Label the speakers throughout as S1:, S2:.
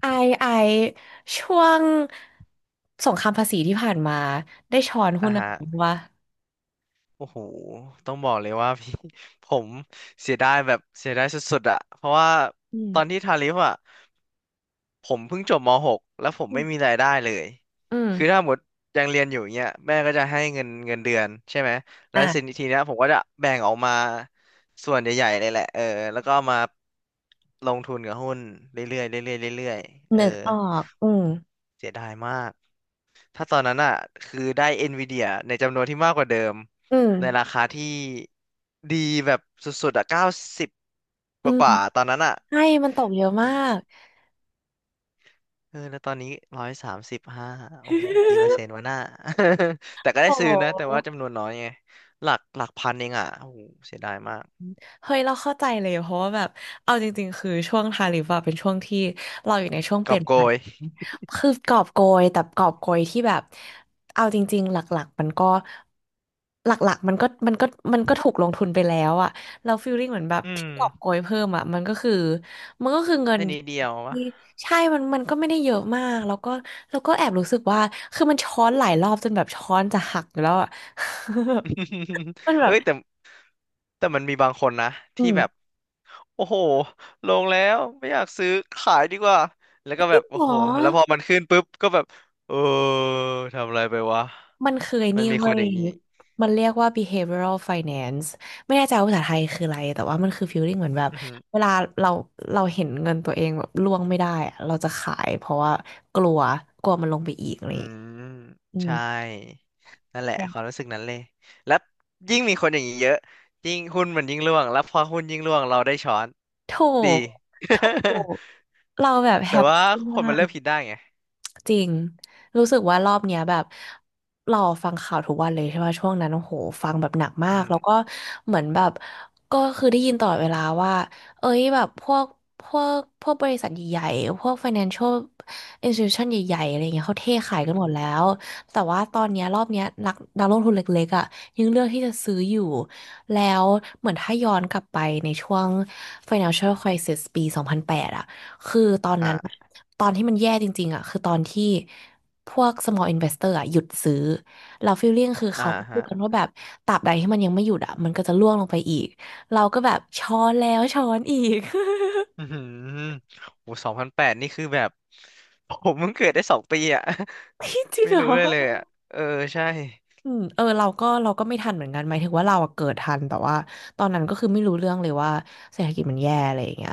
S1: ไอไอช่วงสงครามภาษีที่ผ่านมาได้ช้อนหุ้
S2: อ่ะ
S1: นอะไร
S2: ฮะ
S1: บ้างวะ
S2: โอ้โหต้องบอกเลยว่าพี่ ผมเสียดายแบบเสียดายสุดๆอะเพราะว่า
S1: อืม
S2: ตอนที่ทาริฟอะผมเพิ่งจบม .6 แล้วผมไม่มีรายได้เลย
S1: อืม
S2: คือถ้าหมดยังเรียนอยู่เงี้ยแม่ก็จะให้เงินเงินเดือนใช่ไหมแล้วสิ
S1: อ่ะ
S2: ทีเนี้ยผมก็จะแบ่งออกมาส่วนใหญ่ๆเลยแหละเออแล้วก็เอามาลงทุนกับหุ้นเรื่อยๆเรื่อยๆเรื่อยๆเออ
S1: นึกออกอืม
S2: เสียดายมาก ถ้าตอนนั้นอ่ะคือได้ NVIDIA ในจำนวนที่มากกว่าเดิม
S1: อืม
S2: ในราคาที่ดีแบบสุดๆอ่ะเก้าสิบก
S1: อืม
S2: ว่าๆตอนนั้นอ่ะ
S1: ใช่มันตกเยอะ
S2: โอ้โห
S1: มาก
S2: เออแล้วตอนนี้135โอ้โหกี่เปอร์เซ็นต์วะห น้า แต่ก็ได้
S1: โอ้
S2: ซื้
S1: โ
S2: อนะแต่ว่า
S1: ห
S2: จำนวนน้อยไงหลักหลักพันเองอ่ะโอ้โหเสียดายมาก
S1: เฮ้ยเราเข้าใจเลยเพราะว่าแบบเอาจริงๆคือช่วงทาริฟอะเป็นช่วงที่เราอยู่ในช่วง
S2: ก
S1: เป
S2: อ
S1: ลี่ย
S2: บ
S1: น
S2: โก
S1: ผ่าน
S2: ย
S1: คือกอบโกยแต่กอบโกยที่แบบเอาจริงๆหลักๆมันก็หลักๆมันก็มันก็มันก็ถูกลงทุนไปแล้วอะเราฟีลลิ่งเหมือนแบบ
S2: อื
S1: ที่
S2: ม
S1: กอบโกยเพิ่มอะมันก็คือมันก็คือเงิน
S2: ได้นิดเดียววะ
S1: ที่ใช่มันก็ไม่ได้เยอะมากแล้วก็แอบรู้สึกว่าคือมันช้อนหลายรอบจนแบบช้อนจะหักอยู่แล้วอะ มันแบ
S2: เอ้
S1: บ
S2: ยแต่มันมีบางคนนะ
S1: อื
S2: ที่แบบ
S1: ม
S2: โอ้โหลงแล้วไม่อยากซื้อขายดีกว่า แล้วก็แบบ
S1: ห
S2: โอ้
S1: ร
S2: โหแล้วพอ
S1: อ
S2: มันขึ้นปุ๊บก็แบบเออทำอะไรไปวะ
S1: มันเคย
S2: มั
S1: นี่
S2: นมีค
S1: เว้
S2: นอ
S1: ย
S2: ย่างนี้
S1: มันเรียกว่า behavioral finance ไม่แน่ใจว่าภาษาไทยคืออะไร แต่ว่ามันคือ feeling เหมือนแบบ
S2: อือหือ
S1: เวลาเราเราเห็นเงินตัวเองแบบร่วงไม่ได้อะเราจะขายเพราะว่ากลัวกลัวมันลงไปอีกอะไรอ
S2: อื
S1: ย่างเลย
S2: ม
S1: อืม
S2: ใช่นั่นแหละความรู้สึกนั้นเลย แล้วยิ่งมีคนอย่างนี้เยอะยิ่งหุ้นมันยิ่งร่วง แล้วพอหุ้นยิ่งร่วงเราได้ช้อน
S1: ถู
S2: ดี
S1: กถูก เราแบบแฮ
S2: แต่
S1: ป
S2: ว่า
S1: ปี้
S2: คน
S1: มา
S2: มันเริ่
S1: ก
S2: มคิดได้ไง
S1: จริง รู้สึกว่ารอบเนี้ยแบบเราฟังข่าวทุกวันเลยใช่ไหมช่วงนั้นโอ้โหฟังแบบหนักมา
S2: อือ
S1: ก
S2: หือ
S1: แล้วก็เหมือนแบบก็คือได้ยินตลอดเวลาว่าเอ้ยแบบพวกพวกบริษัทใหญ่ๆพวก financial institution ใหญ่ๆอะไรเงี้ยเขาเทขาย
S2: อือ
S1: กัน
S2: หือ
S1: หมดแล้วแต่ว่าตอนเนี้ยรอบเนี้ยนักลงทุนเล็กๆอ่ะยังเลือกที่จะซื้ออยู่แล้วเหมือนถ้าย้อนกลับไปในช่วง financial crisis ปีสองพันแปดอ่ะคือตอนนั้น
S2: อ่า
S1: ตอนที่มันแย่จริงๆอ่ะคือตอนที่พวก small investor อ่ะหยุดซื้อเราฟ e ลล i ่งคือ
S2: อ่า
S1: เขาก็พู
S2: ฮะ
S1: ดกันว่าแบบตราบใดที่มันยังไม่หยุดอ่ะมันก็จะร่วงลงไปอีกเราก็แบบช้อนแล้วช้อนอีก
S2: อือหือโอ้2008นี่คือแบบ ผมเพิ่งเกิดได้2 ปีอ่ะ
S1: พี่จริ ง
S2: ไม่
S1: เหร
S2: รู้
S1: อ
S2: เลยเลยอ่ะเออใช่
S1: อืมเออเราก็ไม่ทันเหมือนกันหมายถึงว่าเราอะเกิดทันแต่ว่าตอนนั้นก็คือไม่รู้เรื่องเลยว่าเศรษฐกิจมันแย่อะไรอย่างเงี้ย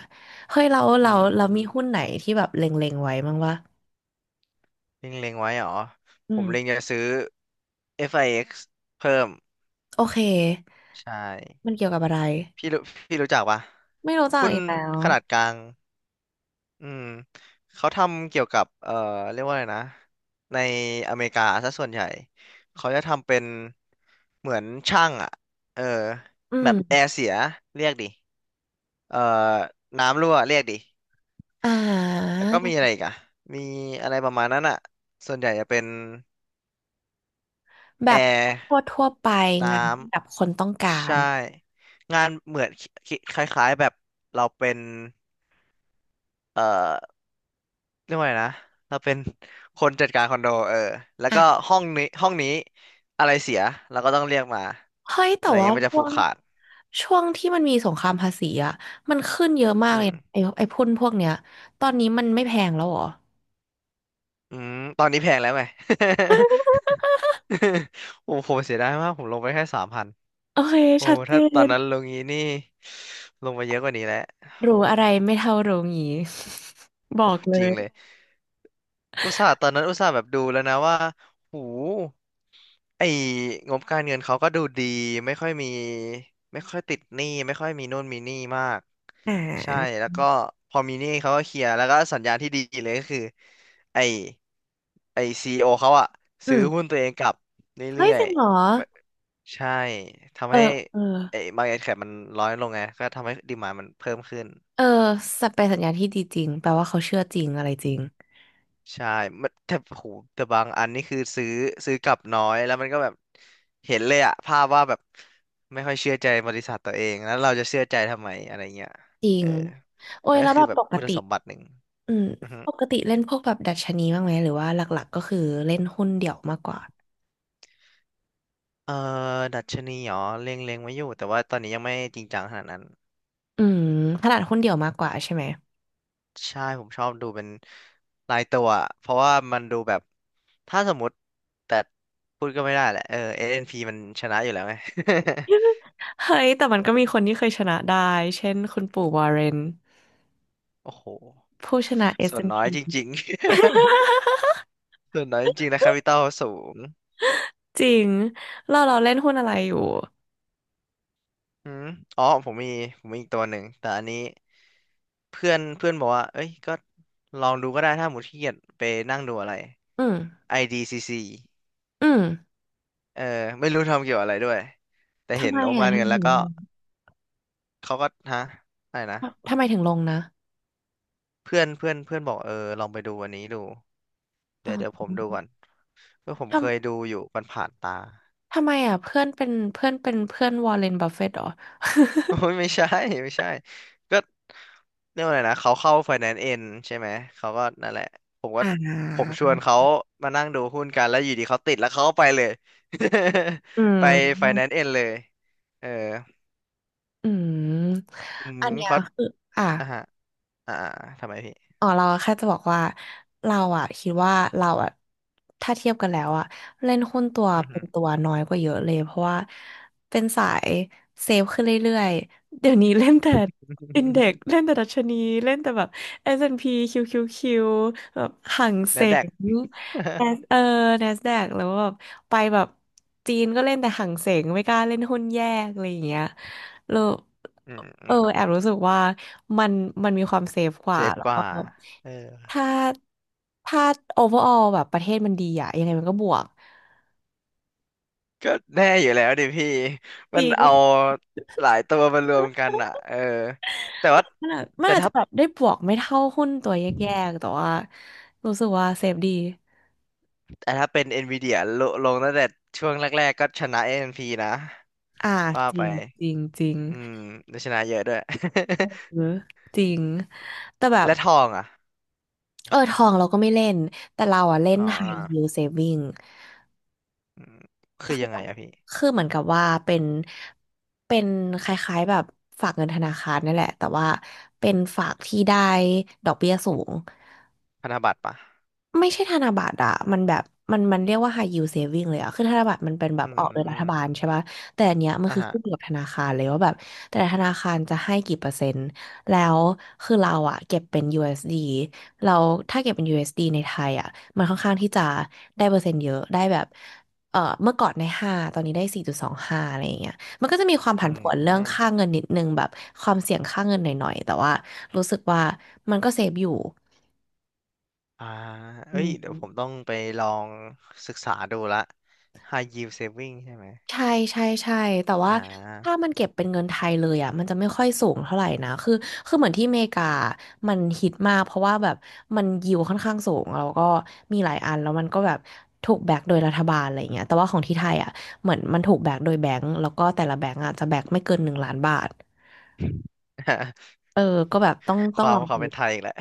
S1: เฮ้ยเราเรา
S2: อื
S1: เรามีหุ้น
S2: ม
S1: ไหนที่แบบเล็งๆไว้บ้างวะ
S2: เล็งเล็งไว้เหรอ
S1: อื
S2: ผ
S1: ม
S2: มเล็งจะซื้อ FIX เอ็กซ์เพิ่ม
S1: โอเค
S2: ใช่
S1: มันเกี่ยวกับอะไร
S2: พี่รู้พี่รู้จักปะ
S1: ไม่รู้จัก
S2: หุ้น
S1: อีกแล้ว
S2: ขนาดกลาง อืมเขาทำเกี่ยวกับ เรียกว่าอะไรนะ ในอเมริกาซะส่วนใหญ่ เขาจะทำเป็นเหมือนช่างอ่ะเออ
S1: อื
S2: แบบแอ
S1: ม
S2: ร์เสียเรียกดิ เอ่อน้ำรั่วเรียกดิ
S1: อ่า
S2: แล้วก็มีอะไรอีกอะมีอะไรประมาณนั้นอะส่วนใหญ่จะเป็น
S1: แบ
S2: แอ
S1: บ
S2: ร์
S1: ทั่วทั่วไป
S2: น้
S1: งานที่แบบคนต้องกา
S2: ำ
S1: ร
S2: ใช่งานเหมือนคิคล้ายๆแบบเราเป็นเอ่อเรียกว่าไงนะเราเป็นคนจัดการคอนโดเออแล้วก็
S1: อ่ะ
S2: ห้องนี้ห้องนี้อะไรเสียเราก็ต้องเรียกมา
S1: เฮ้ย
S2: อะ
S1: แต่
S2: ไร
S1: ว่า
S2: เงี้ยมันจะ
S1: ช่
S2: ผู
S1: ว
S2: ก
S1: ง
S2: ขาด
S1: ที่มันมีสงครามภาษีอ่ะมันขึ้นเยอะมาก
S2: อื
S1: เลย
S2: ม
S1: นะไอ้พุ่นพวกเนี้ยตอนนี้มันไม่แพงแล้วเหรอ
S2: อืมตอนนี้แพงแล้วไหม โอ้โหผมเสียดายมากผมลงไปแค่3,000
S1: โอเค
S2: โอ้
S1: ชัดเจ
S2: ถ้าตอนนั้น
S1: น
S2: ลงงี้นี่ลงไปเยอะกว่านี้แหละ
S1: รู้
S2: โอ้
S1: อะไรไม่เท่ารู้งี้ บอ
S2: โอ้
S1: กเล
S2: จริงเล
S1: ย
S2: ย อุตส่าห์ตอนนั้นอุตส่าห์แบบดูแล้วนะว่าหูไอ้งบการเงินเขาก็ดูดี ไม่ค่อยมี ไม่ค่อยติดหนี้ไม่ค่อยมีนู่นมีนี่มาก ใช่ แล้วก็พอมีหนี้เขาก็เคลียร์แล้วก็สัญญาณที่ดีเลยก็คือ ไอ้ไอ้ซีอีโอเขาอะ
S1: อื
S2: ซื้อหุ้น
S1: ม
S2: ตัวเองกลับ
S1: เฮ้ย
S2: เรื่อ
S1: จ
S2: ย
S1: ริงเหรอ
S2: ๆ ใช่
S1: เอ
S2: ทำ
S1: อ
S2: ให้
S1: เออ
S2: ไอ้บาง์อกแคปมันน้อยลงไงก็ทำให้ดีมานมันเพิ่มขึ้น
S1: เออสัเป็นสัญญาณที่ดีจริงแปลว่าเขาเชื่อจริงอะไรจริง
S2: ใช่มันแต่โหแต่บางอันนี่คือซื้อกลับน้อยแล้วมันก็แบบเห็นเลยอะภาพว่าแบบไม่ค่อยเชื่อใจบริษัทตัวเองแล้วเราจะเชื่อใจทำไมอะไรเงี้ย
S1: จริ
S2: เอ
S1: ง
S2: อ
S1: โอ้
S2: มั
S1: ย
S2: นก็
S1: แล้วแบ
S2: คือ
S1: บ
S2: แบ
S1: ป
S2: บ
S1: ก
S2: คุณ
S1: ติ
S2: สมบัติหนึ่ง
S1: อืม
S2: อือฮึ
S1: ปกติเล่นพวกแบบดัชนีบ้างไหมหรือว่าหลักๆก็คือเล่นหุ้นเดี่ยวมากกว่า
S2: เออดัชนีเหรอเล็งๆไว้อยู่แต่ว่าตอนนี้ยังไม่จริงจังขนาดนั้น
S1: อืมถนัดหุ้นเดี่ยวมากกว่าใช่ไหม
S2: ใช่ผมชอบดูเป็นรายตัวอะเพราะว่ามันดูแบบถ้าสมมติแต่พูดก็ไม่ได้แหละเออ SNP มันชนะอยู่แล้วไง
S1: เฮ้ยแต่มันก็มีคนที่เคยชนะได้เช่นคุณปู่วอร์เรน
S2: โอ้โห
S1: ผู้ชนะ
S2: ส่วนน้อย
S1: S&P
S2: จริงๆ ส่วนน้อยจริงๆนะแคปิตอลสูง
S1: จริงเราเล่นหุ้นอะไรอยู่
S2: อืมอ๋อผมมีอีกตัวหนึ่งแต่อันนี้เพื่อนเพื่อนบอกว่าเอ้ยก็ลองดูก็ได้ถ้าหมดขี้เกียจไปนั่งดูอะไร
S1: อืม
S2: IDCC
S1: อืม
S2: เออไม่รู้ทำเกี่ยวอะไรด้วยแต่
S1: ทำ
S2: เห็น
S1: ไม
S2: อม
S1: อ่ะ
S2: การ
S1: ทำ
S2: เงิ
S1: ไม
S2: นแล้
S1: ถึ
S2: ว
S1: ง
S2: ก็
S1: ลง
S2: เขาก็ฮะอะไรนะ
S1: ทำไมถึงลงนะ
S2: เพื่อนเพื่อนเพื่อนบอกเออลองไปดูอันนี้ดู
S1: อ๋
S2: เดี๋ย
S1: อ
S2: วเดี๋ยวผมดูก่อนเพื่อผมเค
S1: ท
S2: ยดูอยู่มันผ่านตา
S1: ทำไมอ่ะเพื่อนวอร์เรนบัฟเฟตต์หรอ
S2: โอ้ยไม่ใช่ไม่ใช่ก็เรียกว่าอะไรนะเขาเข้า f i แ a นซ์เอ็นใช่ไหมเขาก็นั่นแหละผมก็ผมชวนเขามานั่งดูหุ้นกันแล้วอยู่ดีเขาติดแล้วเขาก็ไปเลย
S1: อื
S2: ไป f i แ a
S1: ม
S2: นซ์เอ็นเลยเออ
S1: อืม
S2: อืม
S1: อันเนี้ย
S2: เขา
S1: คืออ่ะ
S2: อ่ะฮะอ่าทำไมพี่
S1: อ๋อเราแค่จะบอกว่าเราอะคิดว่าถ้าเทียบกันแล้วอะเล่นหุ้นตัว
S2: อือ
S1: เป็
S2: หื
S1: น
S2: อ
S1: ตัวน้อยกว่าเยอะเลยเพราะว่าเป็นสายเซฟขึ้นเรื่อยๆเดี๋ยวนี้เล่นแต่อินเด็กเล่นแต่ดัชนีเล่นแต่แบบ S&P QQQ แอนด์พีคิวคิวคิวแบบห่าง
S2: แน
S1: เส
S2: ดแดก
S1: ง Nas- เออ NASDAQ แล้วแบบไปแบบจีนก็เล่นแต่ห่างเสงไม่กล้าเล่นหุ้นแยกอะไรอย่างเงี้ย เรา
S2: อื
S1: เออแอ
S2: ม
S1: บรู้สึกว่ามันมันมีความเซฟก
S2: เซ
S1: ว่า
S2: ฟ
S1: แล้ว
S2: ก
S1: ก็
S2: ว่าเออ
S1: ถ้าถ้า overall แบบประเทศมันดีอะยังไงมันก็บวก
S2: ก็แน่อยู่แล้วดิพี่
S1: จ
S2: มั
S1: ริ
S2: น
S1: ง
S2: เอาหลายตัวมารวมกันอ่ะเออแต่ว่า
S1: มัน
S2: แต่
S1: อาจ
S2: ถ้า
S1: จะแบบได้บวกไม่เท่าหุ้นตัวแยกๆแต่ว่ารู้สึกว่าเซฟดี
S2: แต่ถ้าเป็น NVIDIA ลงตั้งแต่ช่วงแรกๆก็ชนะ AMD นพีนะ
S1: อ่า
S2: ว่า
S1: จ
S2: ไป
S1: ริงจริงจริง
S2: อืมได้ชนะเยอะด้วย
S1: เออจริงแต่แบ บ
S2: และทองอ่ะ
S1: เออทองเราก็ไม่เล่นแต่เราอะเล่น
S2: อ๋อ
S1: high yield saving
S2: อืมคือยังไงอะพี่
S1: คือเหมือนกับว่าเป็นเป็นคล้ายๆแบบฝากเงินธนาคารนั่นแหละแต่ว่าเป็นฝากที่ได้ดอกเบี้ยสูง
S2: พันธบัตรปะ
S1: ไม่ใช่ธนบัตรอะมันแบบ มันเรียกว่า high yield saving เลยอะคือธนบัตรมันเป็นแบบ
S2: อื
S1: ออกโดยรัฐบาล
S2: ม
S1: ใช่ป่ะแต่อันเนี้ยมัน
S2: อ่ะ
S1: คือ
S2: ฮะ
S1: ขึ้นอยู่กับธนาคารเลยว่าแบบแต่ละธนาคารจะให้กี่เปอร์เซ็นต์แล้วคือเราอะเก็บเป็นยูเอสดีเราถ้าเก็บเป็นยูเอสดีในไทยอะมันค่อนข้างที่จะได้เปอร์เซ็นต์เยอะได้แบบเออเมื่อก่อนในห้าตอนนี้ได้4.25อะไรอย่างเงี้ยมันก็จะมีความ
S2: อื
S1: ผันผวนเรื่อง
S2: ม
S1: ค่าเงินนิดนึงแบบความเสี่ยงค่าเงินหน่อยๆแต่ว่ารู้สึกว่ามันก็เซฟอยู่
S2: อ่าเอ้
S1: อื
S2: ยเดี๋ยวผม
S1: ม
S2: ต้องไปลองศึกษาดูละ High Yield Saving ใช่ไหม
S1: ใช่ใช่ใช่แต่ว่า
S2: อ่า
S1: ถ้ามันเก็บเป็นเงินไทยเลยอ่ะมันจะไม่ค่อยสูงเท่าไหร่นะคือคือเหมือนที่อเมริกามันฮิตมากเพราะว่าแบบมันยิวค่อนข้างสูงแล้วก็มีหลายอันแล้วมันก็แบบถูกแบกโดยรัฐบาลอะไรเงี้ยแต่ว่าของที่ไทยอ่ะเหมือนมันถูกแบกโดยแบงก์แล้วก็แต่ละแบงก์อ่ะจะแบกไม่เกิน1,000,000บาท เออก็แบบต้อง
S2: ค
S1: ต้อง
S2: วา
S1: ล
S2: ม
S1: อง
S2: ควา
S1: ดู
S2: มเป็นไทยอีกแล้ว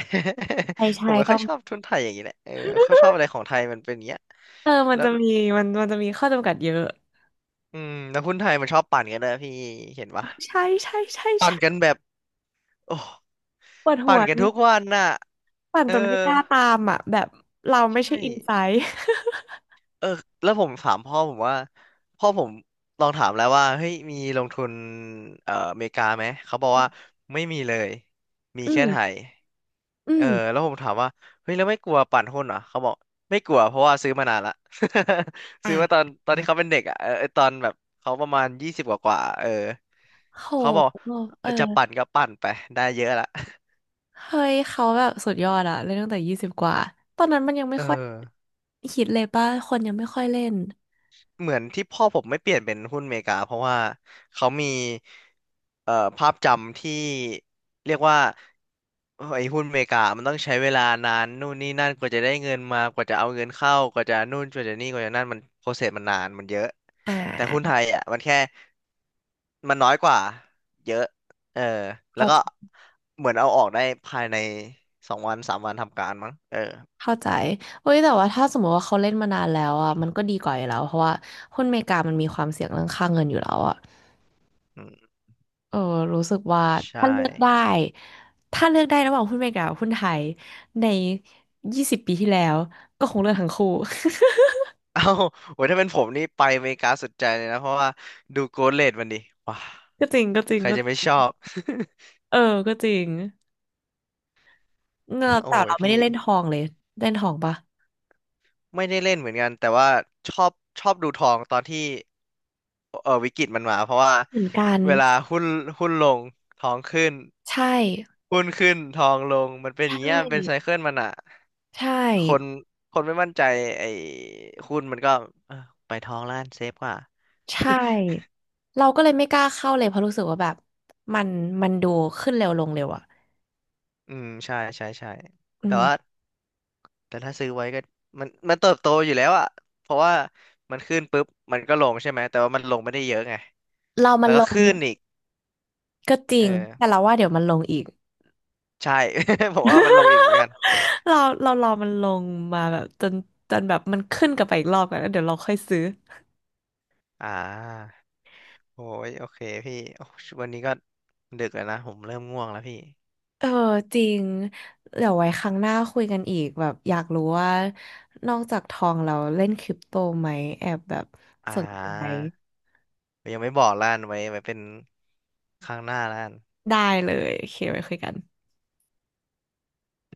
S1: ใช่
S2: ผ
S1: ใช่
S2: มไม่
S1: ต้
S2: ค่
S1: อ
S2: อย
S1: ง
S2: ชอบทุนไทยอย่างนี้แหละเออเขาชอบอะไรของไทยมันเป็นอย่างเงี้ย
S1: เออมัน
S2: แล้ว
S1: จะมีมันจะมีข้อจำกัดเยอะ
S2: อืมแล้วหุ้นไทยมันชอบปั่นกันนะพี่เห็นปะ
S1: ใช่ใช่ใช่
S2: ปั่
S1: ใช่
S2: นกันแบบโอ้
S1: ปวดหั
S2: ปั่
S1: ว
S2: นกั
S1: เล
S2: น
S1: ย
S2: ทุกวันน่ะ
S1: ปั่น
S2: เออ
S1: จนไม่กล้าตามอ่ะแบบเรา
S2: ใช
S1: ไม่ใช่
S2: ่
S1: อินไซต์
S2: เออแล้วผมถามพ่อผมว่าพ่อผมลองถามแล้วว่าเฮ้ยมีลงทุนอเมริกาไหมเขาบอก
S1: อื
S2: ว่าไม่มีเลยมีแค่ไท
S1: ม
S2: ย
S1: อื
S2: เออ
S1: ม
S2: แล้วผมถามว่าเฮ้ยแล้วไม่กลัวปั่นหุ้นเหรอเขาบอกไม่กลัวเพราะว่าซื้อมานานละ ซื้อมาตอนที่เขาเป็นเด็กอ่ะเออเออตอนแบบเขาประมาณ20กว่ากว่าเออ
S1: โห
S2: เขาบอก
S1: เออ
S2: จะปั่นก็ปั่นไปได้เยอะละ
S1: เฮ้ยเขาแบบสุดยอดอะเล่นตั้งแต่ยี่สิบกว่าตอนนั้นมันยังไม่
S2: เออ
S1: ค่อยฮิตเลยป่ะคนยังไม่ค่อยเล่น
S2: เหมือนที่พ่อผมไม่เปลี่ยนเป็นหุ้นอเมริกาเพราะว่าเขามีภาพจำที่เรียกว่าไอ้หุ้นอเมริกามันต้องใช้เวลานานนู่นนี่นั่นกว่าจะได้เงินมากว่าจะเอาเงินเข้ากว่าจะนู่นกว่าจะนี่กว่าจะนั่นมันโปรเซสมันนานมันเยอะ
S1: อ่
S2: แต่หุ้น
S1: า
S2: ไทยอ่ะมันแค่มันน้อยกว่าเยอะเออแล้วก็
S1: เข้า
S2: เหมือนเอาออกได้ภายใน2 วัน 3 วันทำการมั้งเออ
S1: เข้าใจเฮ้ยแต่ว่าถ้าสมมติว่าเขาเล่นมานานแล้วอ่ะมันก็ดีกว่าอยู่แล้วเพราะว่าหุ้นอเมริกามันมีความเสี่ยงเรื่องค่าเงินอยู่แล้วอ่ะ
S2: อืม
S1: เออรู้สึกว่า
S2: ใช่
S1: ถ้าเลือกได้ถ้าเลือกได้ระหว่างหุ้นอเมริกากับหุ้นไทยใน20 ปีที่แล้วก็คงเลือกทั้งคู่
S2: เอ้าโหถ้าเป็นผมนี่ไปอเมริกาสุดใจเลยนะเพราะว่าดูโกลเลดมันดิว้า
S1: ก็จริงก็จริง
S2: ใคร
S1: ก็
S2: จะ
S1: จ
S2: ไม่
S1: ริ
S2: ช
S1: ง
S2: อบ
S1: เออก็จริง เงอก
S2: โอ้
S1: แต่
S2: ย
S1: เราไม่
S2: พี่
S1: ได้เล่นทองเลยเล่นทองปะ
S2: ไม่ได้เล่นเหมือนกันแต่ว่าชอบชอบดูทองตอนที่เออวิกฤตมันมาเพราะว่า
S1: เหมือนกัน
S2: เวลาหุ้นหุ้นลงทองขึ้น
S1: ใช่
S2: หุ้นขึ้นทองลงมันเป็นอ
S1: ใช่
S2: ย่างเงี้ยมันเป็นไซเคิลมันอ่ะ
S1: ใช่
S2: คนคนไม่มั่นใจไอ้หุ้นมันก็เออไปทองแล้วกันเซฟกว่า
S1: ใช่เราก็เลยไม่กล้าเข้าเลยเพราะรู้สึกว่าแบบมันมันดูขึ้นเร็วลงเร็วอ่ะ
S2: อืมใช่ใช่ใช่
S1: อื
S2: แต่
S1: ม
S2: ว่า แต่ถ้าซื้อไว้ก็มันเติบโตอยู่แล้วอะเพราะว่ามันขึ้นปุ๊บมันก็ลงใช่ไหมแต่ว่ามันลงไม่ได้เยอะไง
S1: เรามั
S2: แล้
S1: น
S2: ว
S1: ล
S2: ก็
S1: ง
S2: ขึ้นอีก
S1: ก็จริ
S2: เออ
S1: งแต่เราว่าเดี๋ยวมันลงอีก
S2: ใช่ ผมว่ามันลงอีกเหมือนกัน
S1: เราเรารอมันลงมาแบบจนแบบมันขึ้นกลับไปอีกรอบกันแล้วเดี๋ยวเราค่อยซื้อ
S2: อ่าโอ้ยโอเคพี่โอ้ยวันนี้ก็ดึกแล้วนะผมเริ่มง่วงแล้วพี่
S1: เออจริงเดี๋ยวไว้ครั้งหน้าคุยกันอีกแบบอยากรู้ว่านอกจากทองเราเล่นคริปโตไหมแอบแบบ
S2: อ่า
S1: สนใจ
S2: ยังไม่บอกล้านไว้ไว้เป็นครั้งหน้าล้าน
S1: ได้เลยโอเคไว้คุยกัน